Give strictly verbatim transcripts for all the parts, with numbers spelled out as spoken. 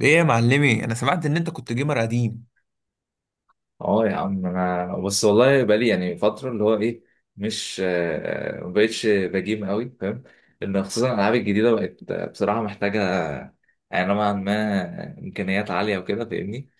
ايه يا معلمي؟ انا سمعت ان انت كنت جيمر قديم. اه يا عم، انا بس والله بقالي يعني فتره اللي هو ايه. مش آه، ما بقتش بجيم قوي، فاهم؟ لان خصوصا الالعاب الجديده بقت آه، بصراحه محتاجه، يعني نوعا ما امكانيات عاليه وكده، فاهمني؟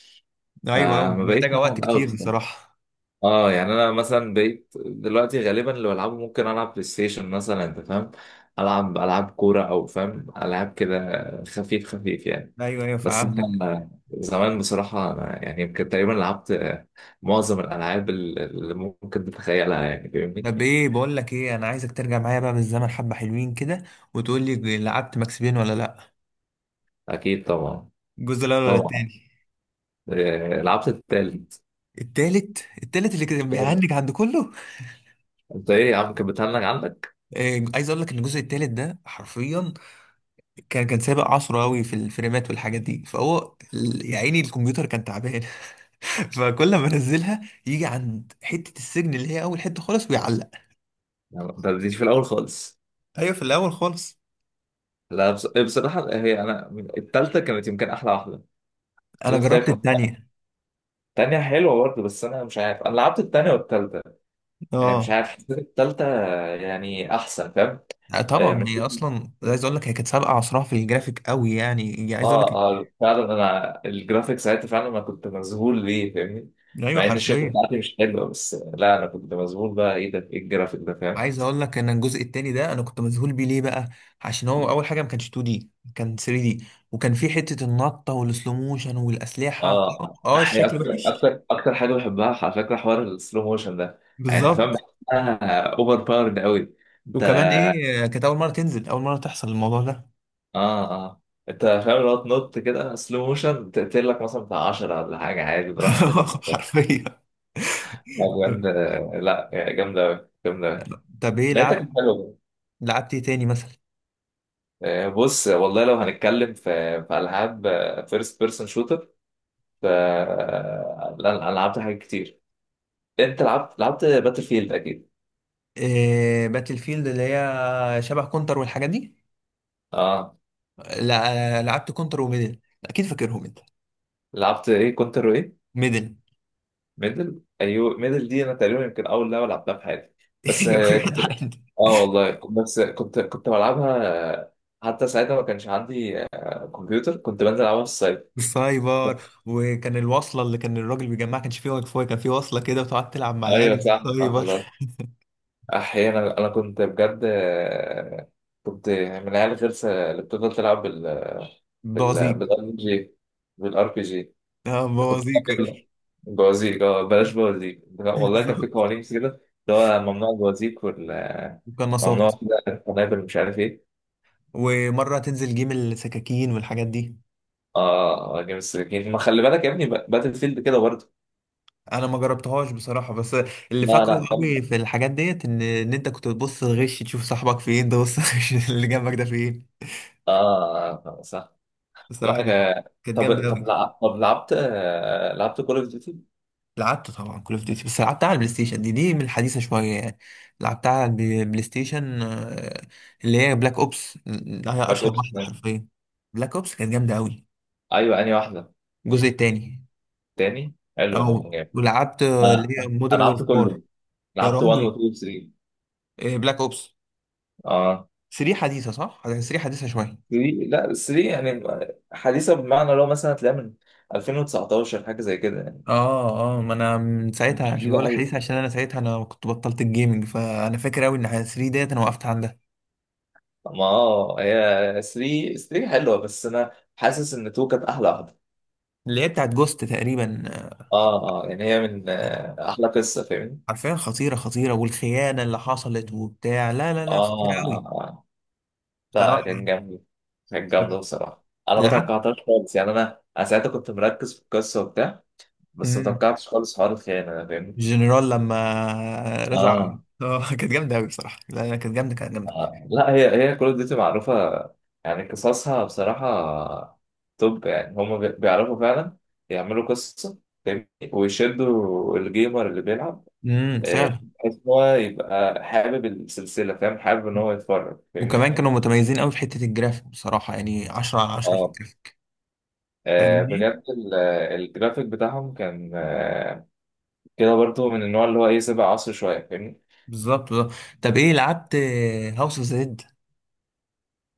ايوه ايوه، فما بقيتش محتاجه وقت بلعب قوي كتير بصراحه. بصراحه. اه يعني انا مثلا بقيت دلوقتي غالبا اللي بلعبه ممكن العب بلاي ستيشن مثلا، انت فاهم. العب العاب كوره او فاهم، العاب كده خفيف خفيف يعني. ايوه ايوه بس فهمتك. انا زمان بصراحه، أنا يعني يمكن تقريبا لعبت آه، معظم الالعاب ال- اللي ممكن تتخيلها يعني، فاهمني؟ طب ايه، بقول لك ايه، انا عايزك ترجع معايا بقى بالزمن حبه، حلوين كده، وتقول لي لعبت ماكس بين ولا لا. اكيد طبعا. الجزء الاول ولا طبعا. التاني؟ آه، لعبت التالت. التالت التالت اللي كان بيعندك عند كله. انت ايه يا عم، كانت بتهنج عندك؟ إيه، عايز اقول لك ان الجزء التالت ده حرفيا كان كان سابق عصره قوي في الفريمات والحاجات دي، فهو ال- يا عيني الكمبيوتر كان تعبان. فكل ما انزلها يجي عند حته السجن اللي هي اول حته خالص ويعلق. يعني ما بتديش في الاول خالص. ايوه في الاول خالص. لا، بص- إيه، بصراحه هي انا من- التالته كانت يمكن احلى واحده. انا بص هي جربت كانت، التانية. التانية حلوة برضه، بس أنا مش عارف، أنا لعبت التانية والتالتة. آه، مش اه. عارف، حسيت التالتة آه، يعني أحسن، فاهم؟ آه، آه، طبعا هي اصلا، عايز اقول لك، هي كانت سابقه عصرها في الجرافيك قوي، يعني هي، عايز اقول اه لك. اه فعلا، انا الجرافيك ساعتها فعلا انا كنت مذهول ليه، فاهمني؟ ايوه مع ان الشركه حرفيا. بتاعتي مش حلوه، بس لا انا كنت مذهول بقى، ايه ده، ايه الجرافيك ده، فاهم؟ عايز اقول لك ان الجزء التاني ده انا كنت مذهول بيه. ليه بقى؟ عشان هو اول حاجه ما كانش اتنين دي، كان تلاتة دي. وكان في حته النطه والسلو موشن والاسلحه. اه اه أحي- الشكل اكتر وحش. اكتر اكتر حاجه بحبها على فكره حوار السلو موشن ده. يعني انت فاهم، بالظبط. بحسها اوفر باورد قوي، انت. وكمان ايه، كانت اول مره تنزل، اول مره تحصل الموضوع ده. اه اه، انت فاهم، لو تنط كده سلو موشن تقتل لك مثلا بتاع عشرة ولا حاجه، عادي براحتك انت. حرفيا. طب جامده. لا يعني جامده أوي، جامده أوي. طب ايه لعبت؟ لقيتك حلوه. لعبت ايه تاني مثلا؟ آه، بص والله، لو هنتكلم في في العاب فيرست بيرسون شوتر، ف آه، لا انا لعبت حاجات كتير. انت لعبت، لعبت باتل فيلد اكيد. إيه، باتل فيلد اللي هي شبه كونتر والحاجات دي. اه. لا. آه، لعبت كونتر وميدل اكيد، فاكرهم انت؟ لعبت ايه؟ كونتر وايه؟ ميدل. ميدل، ايوه. ميدل دي انا تقريبا يمكن اول لعبه لعبتها في حياتي. بس يا آه، كنت، جدع انت. اه والله كنت- بس كنت كنت بلعبها. آه، حتى ساعتها ما كانش عندي آه، كمبيوتر، كنت بنزل العبها في السايبر. السايبر، وكان الوصله اللي كان الراجل بيجمعها، كانش فيه واي فاي، كان فيه وصله كده وتقعد تلعب مع العيال ايوه في صح. اه السايبر. لا، احيانا انا كنت بجد آه، كنت من العيال الغلسه اللي بتفضل تلعب بال بال بوازيك. بالار بي جي، بالار بي جي. اه كنت بوازيك بتعمل بوازيك، اه. بلاش بوازيك، لا، والله كان في بالظبط. قوانين كده، اللي هو ممنوع البوازيك وممنوع وقناصات. كده، القنابل مش عارف ايه. ومره تنزل جيم السكاكين والحاجات دي. اه آه، جيم السكين، ما خلي بالك يا ابني، ب- باتل فيلد كده برضه. انا ما جربتهاش بصراحه، بس اللي لا فاكره لا قوي جامدة. في الحاجات ديت ان ان انت كنت بتبص الغش تشوف صاحبك فين، تبص الغش اللي جنبك ده فين. اه صح. لا بصراحه كانت. ك- كانت طب جامده طب قوي. لع- طب لعبت آه، لعبت كول اوف ديوتي. لعبت طبعا كول اوف ديوتي بس لعبتها على البلاي ستيشن دي دي من الحديثه شويه يعني. لعبتها على البلاي بلاي ستيشن، آه، اللي هي بلاك اوبس. هي باك اشهر اوبس، واحده حرفيا. بلاك اوبس كانت جامده قوي. ايوه. انهي واحده؟ الجزء التاني. تاني حلو يا عم، اه جامد. ولعبت، آه، اللي ما- هي انا مودرن لعبت وورفير. كله، يا لعبت واحد و راجل. اتنين و تلاتة. آه، بلاك اوبس اه تلاتة حديثه صح؟ تلاتة حديثه شويه. ثلاثة، لا تلاتة يعني حديثه، بمعنى لو مثلا تلاقيها من الفين وتسعتاشر حاجه زي كده يعني. اه اه، ما انا من مش ساعتها، عشان جديده بقول لك قوي. حديثه، عشان انا ساعتها انا كنت بطلت الجيمنج، فانا فاكر قوي ان تلاتة ديت انا وقفت عندها. ما اه، هي تلاتة، تلاتة حلوه، بس انا حاسس ان اتنين كانت احلى واحده. اللي هي بتاعت جوست تقريبا. اه اه، يعني هي من آه، احلى قصه، فاهمني؟ حرفيا خطيرة خطيرة، والخيانة اللي حصلت وبتاع، لا لا اه لا خطيرة أوي. اه. آه. لا بصراحة. كان جامد. كان جامد طب. بصراحه، انا ما العب. توقعتهاش خالص يعني، انا انا ساعتها كنت مركز في القصه وبتاع. بس ما مم. توقعتش خالص حوار الخيانه ده، فاهمني؟ الجنرال لما رزع. آه. اه كانت جامدة أوي بصراحة. لا لا، كانت جامدة، كانت جامدة. آه. لا هي، هي كول اوف ديوتي معروفة يعني، قصصها بصراحة توب يعني. هما بي- بيعرفوا فعلا يعملوا قصة، فاهمني؟ ويشدوا الجيمر اللي بيلعب، امم آه، فعلا. بحيث إن هو يبقى حابب السلسلة، فاهم، حابب إن هو يتفرج، فاهمني؟ وكمان كانوا متميزين أوي في حتة الجرافيك بصراحة، يعني عشرة على عشرة في اه الجرافيك. آه، فاهمني؟ بجد ال- آه، الجرافيك بتاعهم كان آه، كده برضو، من النوع اللي هو ايه، سابق عصر شويه، فاهمني؟ بالظبط بالظبط. طب إيه لعبت هاوس اوف زد؟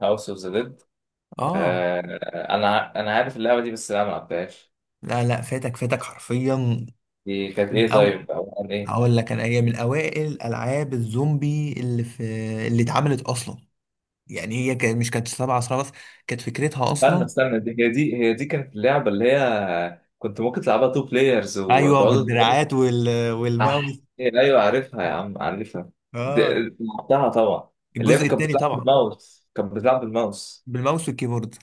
هاوس اوف ذا ديد. اه. انا ع- انا عارف اللعبه دي، بس انا ما لعبتهاش. لا لا، فاتك فاتك حرفيا. دي كانت ايه أو طيب؟ او عن ايه؟ هقول لك انا، هي من اوائل العاب الزومبي اللي في، اللي اتعملت اصلا. يعني هي كان مش كانت سبع عصا بس، كانت فكرتها استنى اصلا. استنى، دي هي دي هي دي كانت اللعبة اللي هي كنت ممكن تلعبها تو بلايرز، ايوه وتقعدوا تضربوا- وبالدراعات وال... والماوس. أح إيه، أيوه عارفها يا عم، عارفها. دي- اه لعبتها طبعا. اللي هي الجزء كانت الثاني بتلعب طبعا. بالماوس، كانت بتلعب بالماوس بالماوس والكيبورد.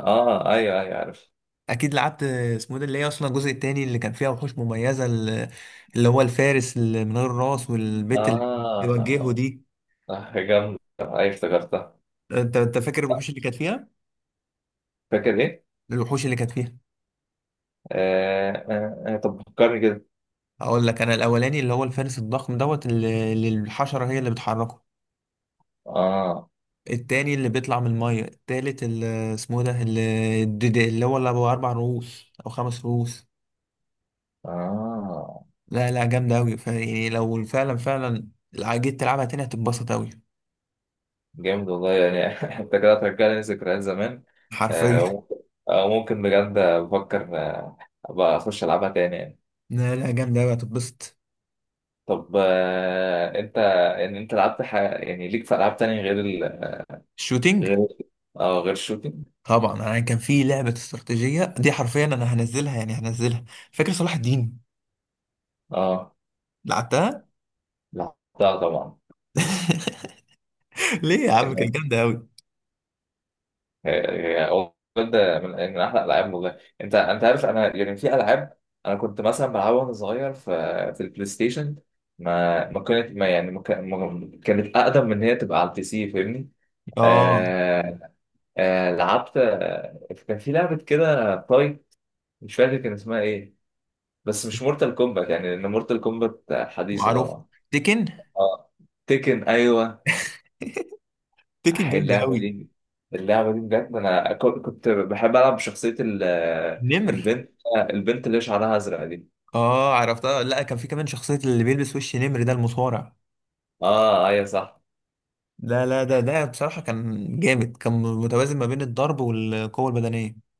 اه ايوه ايوه عارف. اكيد لعبت اسمه ده اللي هي اصلا الجزء الثاني اللي كان فيها وحوش مميزه ال- اللي هو الفارس اللي من غير راس، والبيت اللي بيوجهه اه دي. آه، جامدة، ايوه افتكرتها. انت انت فاكر الوحوش اللي كانت فيها؟ فاكر ايه؟ الوحوش اللي كانت فيها. آه آه آه، طب فكرني كده. اقول لك انا، الاولاني اللي هو الفارس الضخم دوت اللي اللي الحشره هي اللي بتحركه. اه التاني اللي بيطلع من المية. التالت اللي اسمه ده اللي الديدي- اللي هو اللي أبو أربع رؤوس أو خمس رؤوس. اه. لا لا جامدة أوي، فيعني لو فعلا فعلا جيت تلعبها تاني هتتبسط أوي. جامد والله يعني انت كده هترجعني ذكريات زمان. حرفيا. آه، وممكن، آه، ممكن بجد بفكر آه، ابقى اخش العبها تاني يعني. لا لا جامدة أوي هتتبسط. طب آه، انت، ان انت لعبت ح... يعني ليك في العاب تانية غير ال... الشوتينج. غير، اه غير الشوتينج. طبعا أنا كان في لعبة استراتيجية دي، حرفيا أنا هنزلها، يعني هنزلها. فاكر صلاح الدين؟ اه لعبتها. لعبتها طبعا. ليه يا عم؟ كانت جامدة أوي. هي- والله ده من من احلى الالعاب والله. انت انت عارف، انا يعني في العاب انا كنت مثلا بلعبها وانا صغير في في البلاي ستيشن. ما ما كانت ما يعني ما كان- ما- كانت اقدم من ان هي تبقى على البي سي، فاهمني؟ آه آه. آه لعبت، آه، كان في لعبه كده طاي، مش فاكر كان اسمها ايه، بس مش مورتال كومبات يعني، لان مورتال كومبات حديثه معروف. طبعا. تيكن. اه. تيكن، ايوه. تيكن أحيي جامدة اللعبة أوي. دي. اللعبة دي بجد، أنا ك- كنت بحب ألعب بشخصية ال- نمر. البنت، البنت اللي شعرها أزرق دي. اه عرفتها، لا كان في كمان شخصية اللي بيلبس وش نمر ده، المصارع. آه أيوة صح. لا لا، ده ده بصراحة كان جامد، كان متوازن ما بين الضرب والقوة البدنية.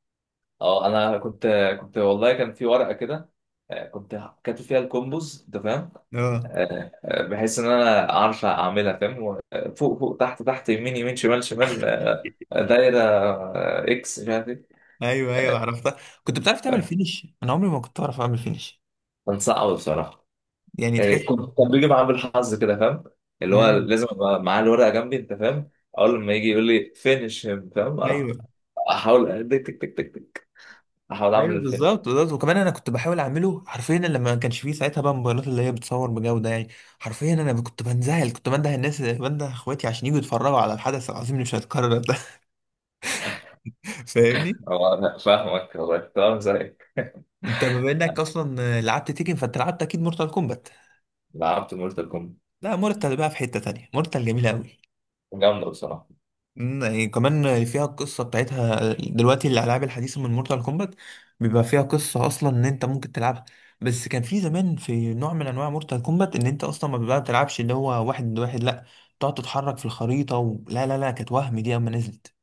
أه أنا كنت، كنت والله كان في ورقة كده، آه، كنت كاتب فيها الكومبوز، أنت فاهم. اه آه، آه، بحيث إن أنا أعرف أعملها فاهم، و- آه، فوق فوق تحت تحت يمين يمين شمال شمال، آه، دايرة، آه، إكس، مش عارف إيه. ايوه ايوه عرفتها. كنت بتعرف تعمل آه، فينش؟ انا عمري ما كنت اعرف اعمل فينش. كان صعب بصراحة. يعني يعني تحس كنت كان بيجي معاه بالحظ كده، فاهم؟ اللي هو مم. لازم ابقى معاه الورقه جنبي، انت فاهم. اول ما يجي يقول لي فينش هيم، فاهم، اروح ايوه احاول تك تك تك تك تك، احاول اعمل ايوه الفينش. بالظبط بالظبط. وكمان انا كنت بحاول اعمله حرفيا، لما ما كانش فيه ساعتها بقى موبايلات اللي هي بتصور بجودة يعني. حرفيا انا كنت بنزعل، كنت بنده الناس، بنده اخواتي عشان يجوا يتفرجوا على الحدث العظيم اللي مش هيتكرر ده. فاهمني. هو أنا فاهمك والله، تمام زيك. انت بما انك اصلا لعبت تيكن، فانت لعبت اكيد مورتال كومبات. لعبت مورتال كومبات. لا مورتال بقى في حتة تانية، مورتال جميلة قوي. جامده بصراحه. مم، يعني كمان فيها القصة بتاعتها. دلوقتي الالعاب الحديثة من مورتال كومبات بيبقى فيها قصة، اصلا ان انت ممكن تلعبها. بس كان في زمان في نوع من انواع مورتال كومبات ان انت اصلا ما بقى بتلعبش اللي هو واحد ضد واحد، لا تقعد تتحرك في الخريطة و... لا لا لا كانت وهم دي اما نزلت.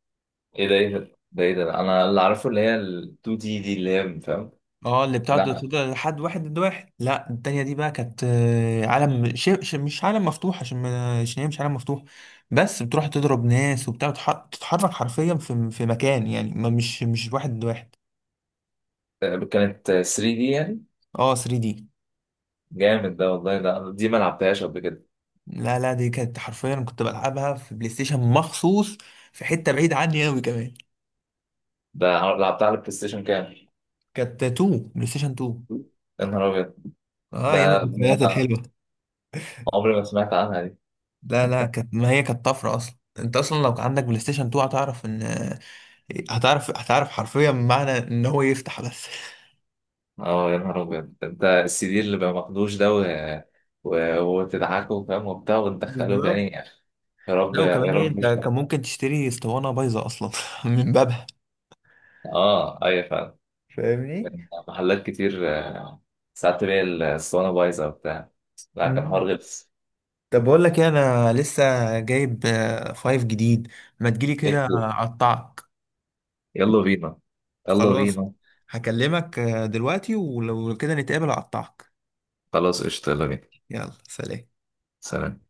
ايه ده ايه ده، ده ايه ده، انا اللي عارفه، اللي هي ال اتنين دي دي اللي هي، فاهم. اه اللي بتاعت لا، ده لحد واحد ضد واحد، لا التانية دي بقى كانت، آه، عالم ش... ش... مش عالم مفتوح، عشان ما- عشان هي مش عالم مفتوح. بس بتروح تضرب ناس وبتاع وتح... تتحرك حرفيا في في مكان، يعني ما مش مش واحد ضد واحد. كانت تلاتة دي يعني. اه تلاتة دي. جامد ده والله، ده دي ما لعبتهاش قبل كده. لا لا دي كانت حرفيا كنت بلعبها في بلاي ستيشن مخصوص، في حتة بعيد عني قوي كمان. ده لعبتها على البلاي ستيشن كام؟ كانت اتنين بلاي ستيشن اتنين. يا نهار ابيض. اه ايام ده ده الذكريات الحلوة. عمري ما سمعت عنها. لا لا كانت، ما هي كانت طفرة اصلا، انت اصلا لو كان عندك بلاي ستيشن اتنين هتعرف ان هتعرف هتعرف حرفيا معنى ان هو يفتح بس. اه يا نهار ابيض، ده انت السي دي اللي ما ماخدوش ده، و... و... وتضحكوا فاهم وبتاع، وتدخلوا تاني، بالظبط. يا أخي. يا رب لا آه. وكمان يا ايه، رب، انت مش كان ده. ممكن تشتري اسطوانه بايظه اصلا من بابها. اه ايوه فعلا. فاهمني. كان محلات كتير، آه، ساعات تلاقي الاسطوانه بايظه وبتاع. لا كان مم. حوار غلس. طب بقول لك ايه، انا لسه جايب آه، فايف جديد، ما تجيلي كده اقطعك. يلا بينا. يلا خلاص. بينا هكلمك آه، دلوقتي، ولو كده نتقابل اقطعك. خلاص قشطة، يلا بينا. يلا سلام. سلام.